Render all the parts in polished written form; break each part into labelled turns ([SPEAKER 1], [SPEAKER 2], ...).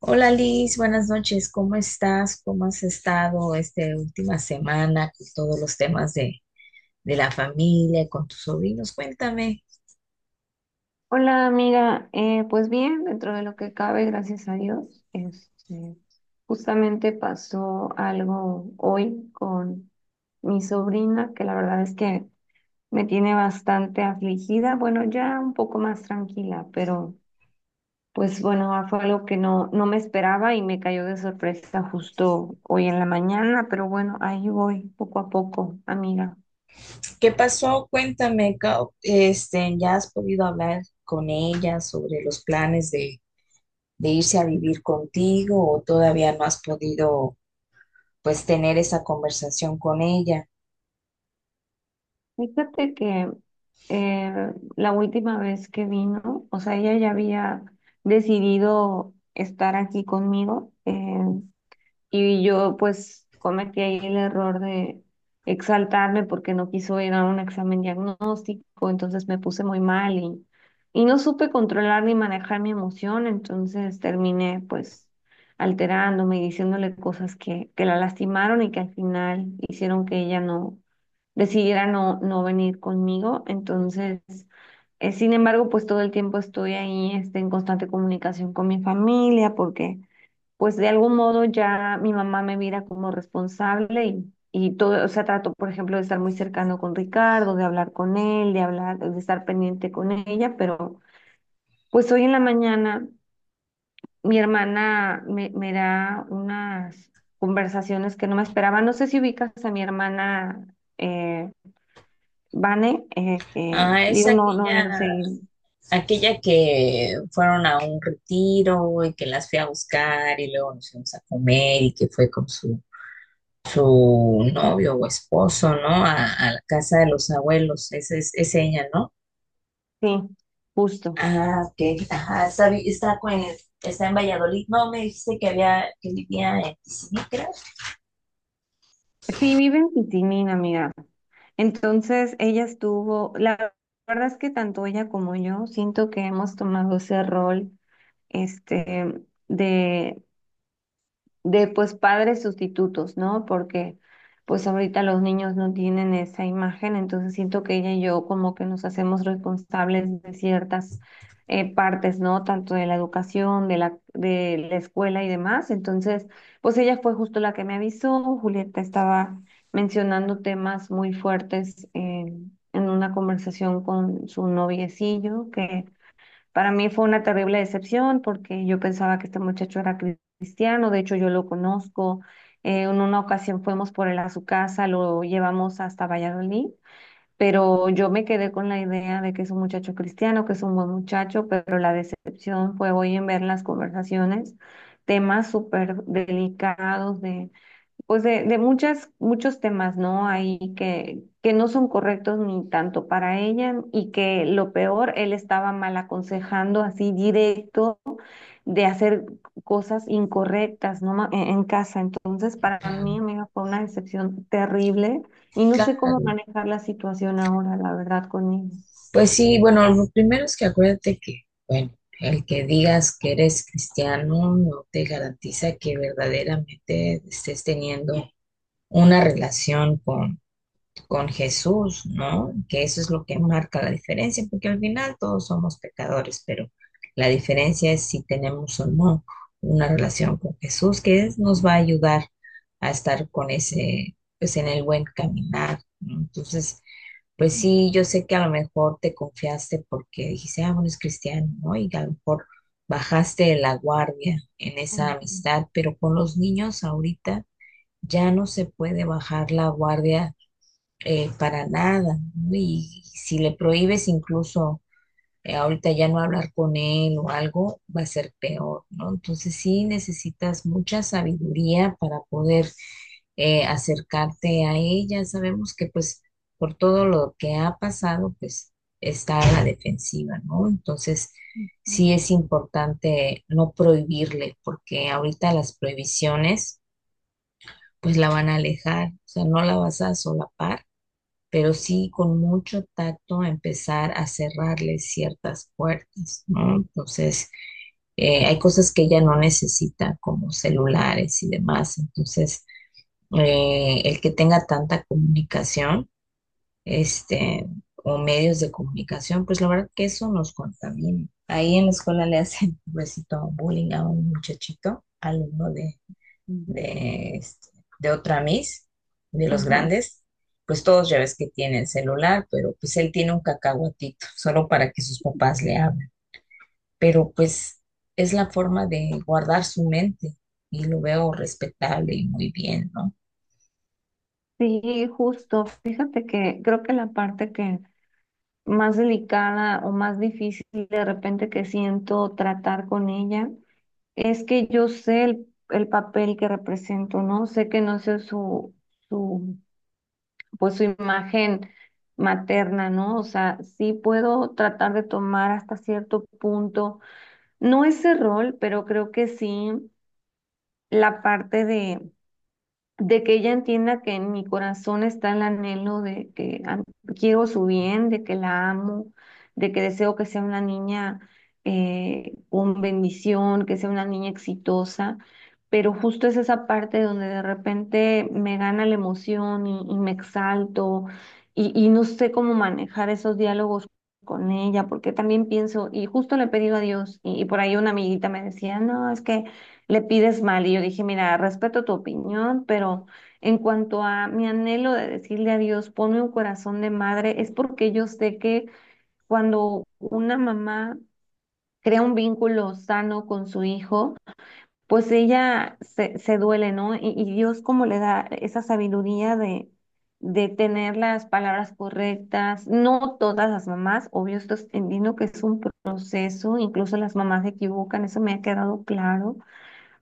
[SPEAKER 1] Hola Liz, buenas noches. ¿Cómo estás? ¿Cómo has estado esta última semana con todos los temas de la familia, con tus sobrinos? Cuéntame,
[SPEAKER 2] Hola amiga. Pues bien, dentro de lo que cabe, gracias a Dios, justamente pasó algo hoy con mi sobrina que la verdad es que me tiene bastante afligida, bueno, ya un poco más tranquila, pero pues bueno, fue algo que no me esperaba y me cayó de sorpresa justo hoy en la mañana, pero bueno, ahí voy poco a poco, amiga.
[SPEAKER 1] ¿qué pasó? Cuéntame, ¿ya has podido hablar con ella sobre los planes de irse a vivir contigo o todavía no has podido pues tener esa conversación con ella?
[SPEAKER 2] Fíjate que eh, la última vez que vino, o sea, ella ya había decidido estar aquí conmigo. Y yo pues cometí ahí el error de exaltarme porque no quiso ir a un examen diagnóstico, entonces me puse muy mal y no supe controlar ni manejar mi emoción, entonces terminé pues alterándome y diciéndole cosas que la lastimaron y que al final hicieron que ella no decidiera no venir conmigo. Entonces, sin embargo, pues todo el tiempo estoy ahí en constante comunicación con mi familia porque pues de algún modo ya mi mamá me mira como responsable y todo, o sea, trato, por ejemplo, de estar muy cercano con Ricardo, de hablar con él, de hablar, de estar pendiente con ella, pero pues hoy en la mañana mi hermana me da unas conversaciones que no me esperaba. No sé si ubicas a mi hermana Vane,
[SPEAKER 1] Ah, es
[SPEAKER 2] digo, no, no, he ido
[SPEAKER 1] aquella
[SPEAKER 2] seguir.
[SPEAKER 1] Aquella que fueron a un retiro y que las fui a buscar y luego nos fuimos a comer y que fue con su novio o esposo, ¿no? A la casa de los abuelos, esa es ella, ¿no?
[SPEAKER 2] Sí, justo.
[SPEAKER 1] Ah, ok. Ajá, está, vi- está, con el- está en Valladolid. No, me dijiste que había, que vivía en Tizinicra.
[SPEAKER 2] Sí, vive en Pitimín, amiga. Entonces, ella estuvo, la verdad es que tanto ella como yo siento que hemos tomado ese rol, este, de pues padres sustitutos, ¿no? Porque pues ahorita los niños no tienen esa imagen, entonces siento que ella y yo como que nos hacemos responsables de ciertas partes, ¿no? Tanto de la educación, de la escuela y demás. Entonces, pues ella fue justo la que me avisó, Julieta estaba mencionando temas muy fuertes en una conversación con su noviecillo que para mí fue una terrible decepción porque yo pensaba que este muchacho era cristiano, de hecho yo lo conozco. En una ocasión fuimos por él a su casa, lo llevamos hasta Valladolid, pero yo me quedé con la idea de que es un muchacho cristiano, que es un buen muchacho, pero la decepción fue hoy en ver las conversaciones, temas súper delicados de pues de muchos temas, ¿no? Ahí que no son correctos ni tanto para ella y que lo peor, él estaba mal aconsejando así directo de hacer cosas incorrectas, ¿no? En casa. Entonces, para mí,
[SPEAKER 1] Claro,
[SPEAKER 2] amiga, fue una decepción terrible y no sé cómo
[SPEAKER 1] claro.
[SPEAKER 2] manejar la situación ahora, la verdad, con él.
[SPEAKER 1] Pues sí, bueno, lo primero es que bueno, el que digas que eres cristiano no te garantiza que verdaderamente estés teniendo una relación con Jesús, ¿no? Que eso es lo que marca la diferencia, porque al final todos somos pecadores, pero la diferencia es si tenemos o no una relación con Jesús, nos va a ayudar a estar con ese, pues en el buen caminar, ¿no? Entonces, pues sí, yo sé que a lo mejor te confiaste porque dijiste, ah, bueno, es cristiano, ¿no? Y a lo mejor bajaste de la guardia en esa amistad, pero con los niños ahorita ya no se puede bajar la guardia para nada, ¿no? Y si le prohíbes incluso ahorita ya no hablar con él o algo va a ser peor, ¿no? Entonces sí necesitas mucha sabiduría para poder acercarte a ella. Sabemos que pues por todo lo que ha pasado, pues está a la defensiva, ¿no? Entonces sí es importante no prohibirle, porque ahorita las prohibiciones pues la van a alejar, o sea, no la vas a solapar pero sí con mucho tacto a empezar a cerrarle ciertas puertas, ¿no? Entonces, hay cosas que ella no necesita, como celulares y demás. Entonces, el que tenga tanta comunicación, este, o medios de comunicación, pues la verdad que eso nos contamina. Ahí en la escuela le hacen un besito bullying a un muchachito, alumno de, este, de otra Miss, de los
[SPEAKER 2] Ujú.
[SPEAKER 1] grandes, pues todos ya ves que tienen celular, pero pues él tiene un cacahuatito, solo para que sus papás le hablen. Pero pues es la forma de guardar su mente y lo veo respetable y muy bien, ¿no?
[SPEAKER 2] Sí, justo. Fíjate que creo que la parte que más delicada o más difícil de repente que siento tratar con ella, es que yo sé el papel que represento, ¿no? Sé que no sé su, pues su imagen materna, ¿no? O sea, sí puedo tratar de tomar hasta cierto punto, no ese rol, pero creo que sí la parte de que ella entienda que en mi corazón está el anhelo de que quiero su bien, de que la amo, de que deseo que sea una niña con bendición, que sea una niña exitosa, pero justo es esa parte donde de repente me gana la emoción y me exalto y no sé cómo manejar esos diálogos con ella, porque también pienso, y justo le he pedido a Dios, y por ahí una amiguita me decía, no, es que le pides mal. Y yo dije, mira, respeto tu opinión, pero en cuanto a mi anhelo de decirle a Dios, ponme un corazón de madre, es porque yo sé que cuando una mamá crea un vínculo sano con su hijo, pues ella se duele, ¿no? Y Dios como le da esa sabiduría de tener las palabras correctas, no todas las mamás, obvio, entiendo que es un proceso, incluso las mamás se equivocan, eso me ha quedado claro,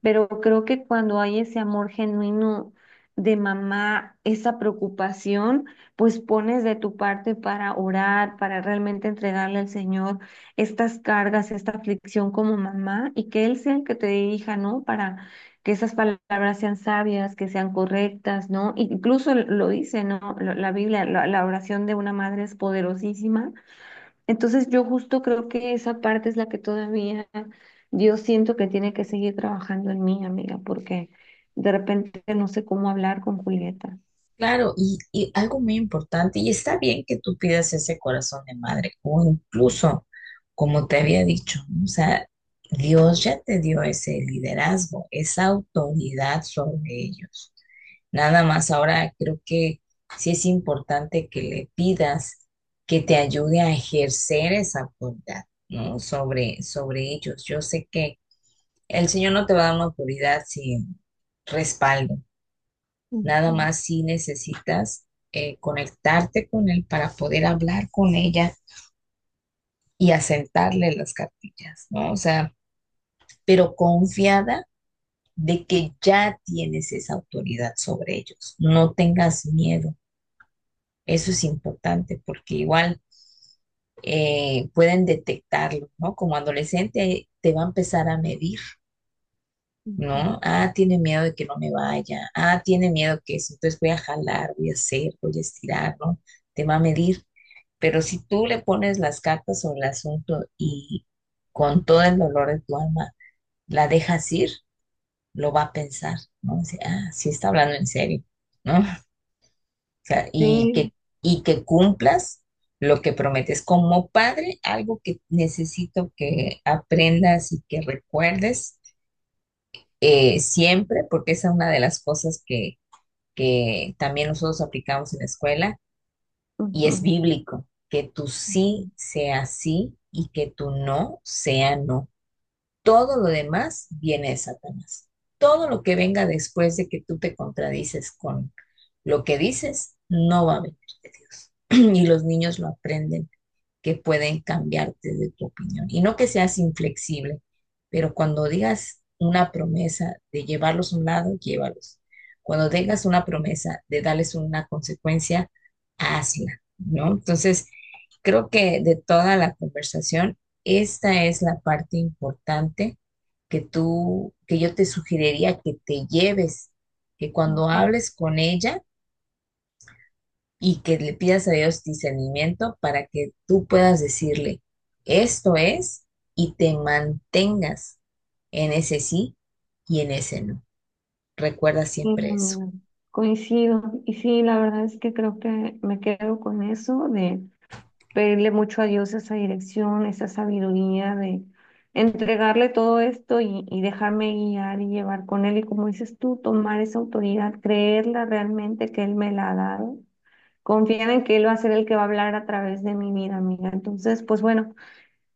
[SPEAKER 2] pero creo que cuando hay ese amor genuino de mamá, esa preocupación, pues pones de tu parte para orar, para realmente entregarle al Señor estas cargas, esta aflicción como mamá y que Él sea el que te dirija, ¿no? Para que esas palabras sean sabias, que sean correctas, ¿no? Incluso lo dice, ¿no? La Biblia, la oración de una madre es poderosísima. Entonces yo justo creo que esa parte es la que todavía yo siento que tiene que seguir trabajando en mí, amiga, porque de repente no sé cómo hablar con Julieta.
[SPEAKER 1] Claro, y algo muy importante, y está bien que tú pidas ese corazón de madre, o incluso, como te había dicho, ¿no? O sea, Dios ya te dio ese liderazgo, esa autoridad sobre ellos. Nada más ahora creo que sí es importante que le pidas que te ayude a ejercer esa autoridad, ¿no? Sobre ellos. Yo sé que el Señor no te va a dar una autoridad sin respaldo. Nada
[SPEAKER 2] Ujú,
[SPEAKER 1] más si necesitas conectarte con Él para poder hablar con ella y asentarle las cartillas, ¿no? O sea, pero confiada de que ya tienes esa autoridad sobre ellos. No tengas miedo. Eso es importante porque igual pueden detectarlo, ¿no? Como adolescente te va a empezar a medir,
[SPEAKER 2] ujú,
[SPEAKER 1] ¿no? Ah, tiene miedo de que no me vaya, ah, tiene miedo que eso, entonces voy a jalar, voy a hacer, voy a estirar, ¿no? Te va a medir. Pero si tú le pones las cartas sobre el asunto y con todo el dolor de tu alma la dejas ir, lo va a pensar, ¿no? Dice, ah, sí está hablando en serio, ¿no? sea,
[SPEAKER 2] sí,
[SPEAKER 1] y que cumplas lo que prometes. Como padre, algo que necesito que aprendas y que recuerdes siempre, porque esa es una de las cosas que también nosotros aplicamos en la escuela y es
[SPEAKER 2] ujú,
[SPEAKER 1] bíblico, que tu sí
[SPEAKER 2] ujú,
[SPEAKER 1] sea sí y que tu no sea no. Todo lo demás viene de Satanás. Todo lo que venga después de que tú te contradices con lo que dices, no va a venir de Dios. Y los niños lo aprenden que pueden cambiarte de tu opinión. Y no que seas inflexible, pero cuando digas una promesa de llevarlos a un lado, llévalos. Cuando tengas una promesa de darles una consecuencia, hazla, ¿no? Entonces, creo que de toda la conversación, esta es la parte importante que tú, que yo te sugeriría que te lleves, que cuando
[SPEAKER 2] ujú.
[SPEAKER 1] hables con ella, y que le pidas a Dios discernimiento para que tú puedas decirle, esto es, y te mantengas en ese sí y en ese no. Recuerda
[SPEAKER 2] Sí,
[SPEAKER 1] siempre eso.
[SPEAKER 2] amiga, coincido. Y sí, la verdad es que creo que me quedo con eso, pedirle mucho a Dios esa dirección, esa sabiduría de entregarle todo esto y dejarme guiar y llevar con Él. Y como dices tú, tomar esa autoridad, creerla realmente que Él me la ha dado. Confiar en que Él va a ser el que va a hablar a través de mi vida, amiga. Entonces, pues bueno,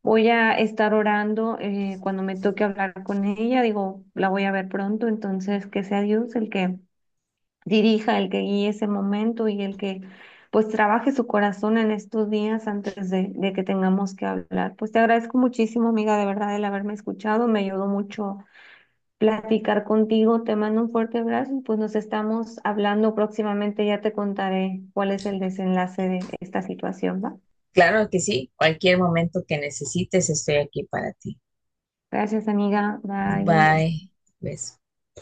[SPEAKER 2] voy a estar orando cuando me toque hablar con ella. Digo, la voy a ver pronto, entonces que sea Dios el que dirija, el que guíe ese momento y el que pues trabaje su corazón en estos días antes de que tengamos que hablar. Pues te agradezco muchísimo, amiga, de verdad, el haberme escuchado. Me ayudó mucho platicar contigo. Te mando un fuerte abrazo y pues nos estamos hablando próximamente. Ya te contaré cuál es el desenlace de esta situación, ¿va?
[SPEAKER 1] Claro que sí, cualquier momento que necesites, estoy aquí para ti.
[SPEAKER 2] Gracias, amiga. Bye, un beso.
[SPEAKER 1] Bye. Beso.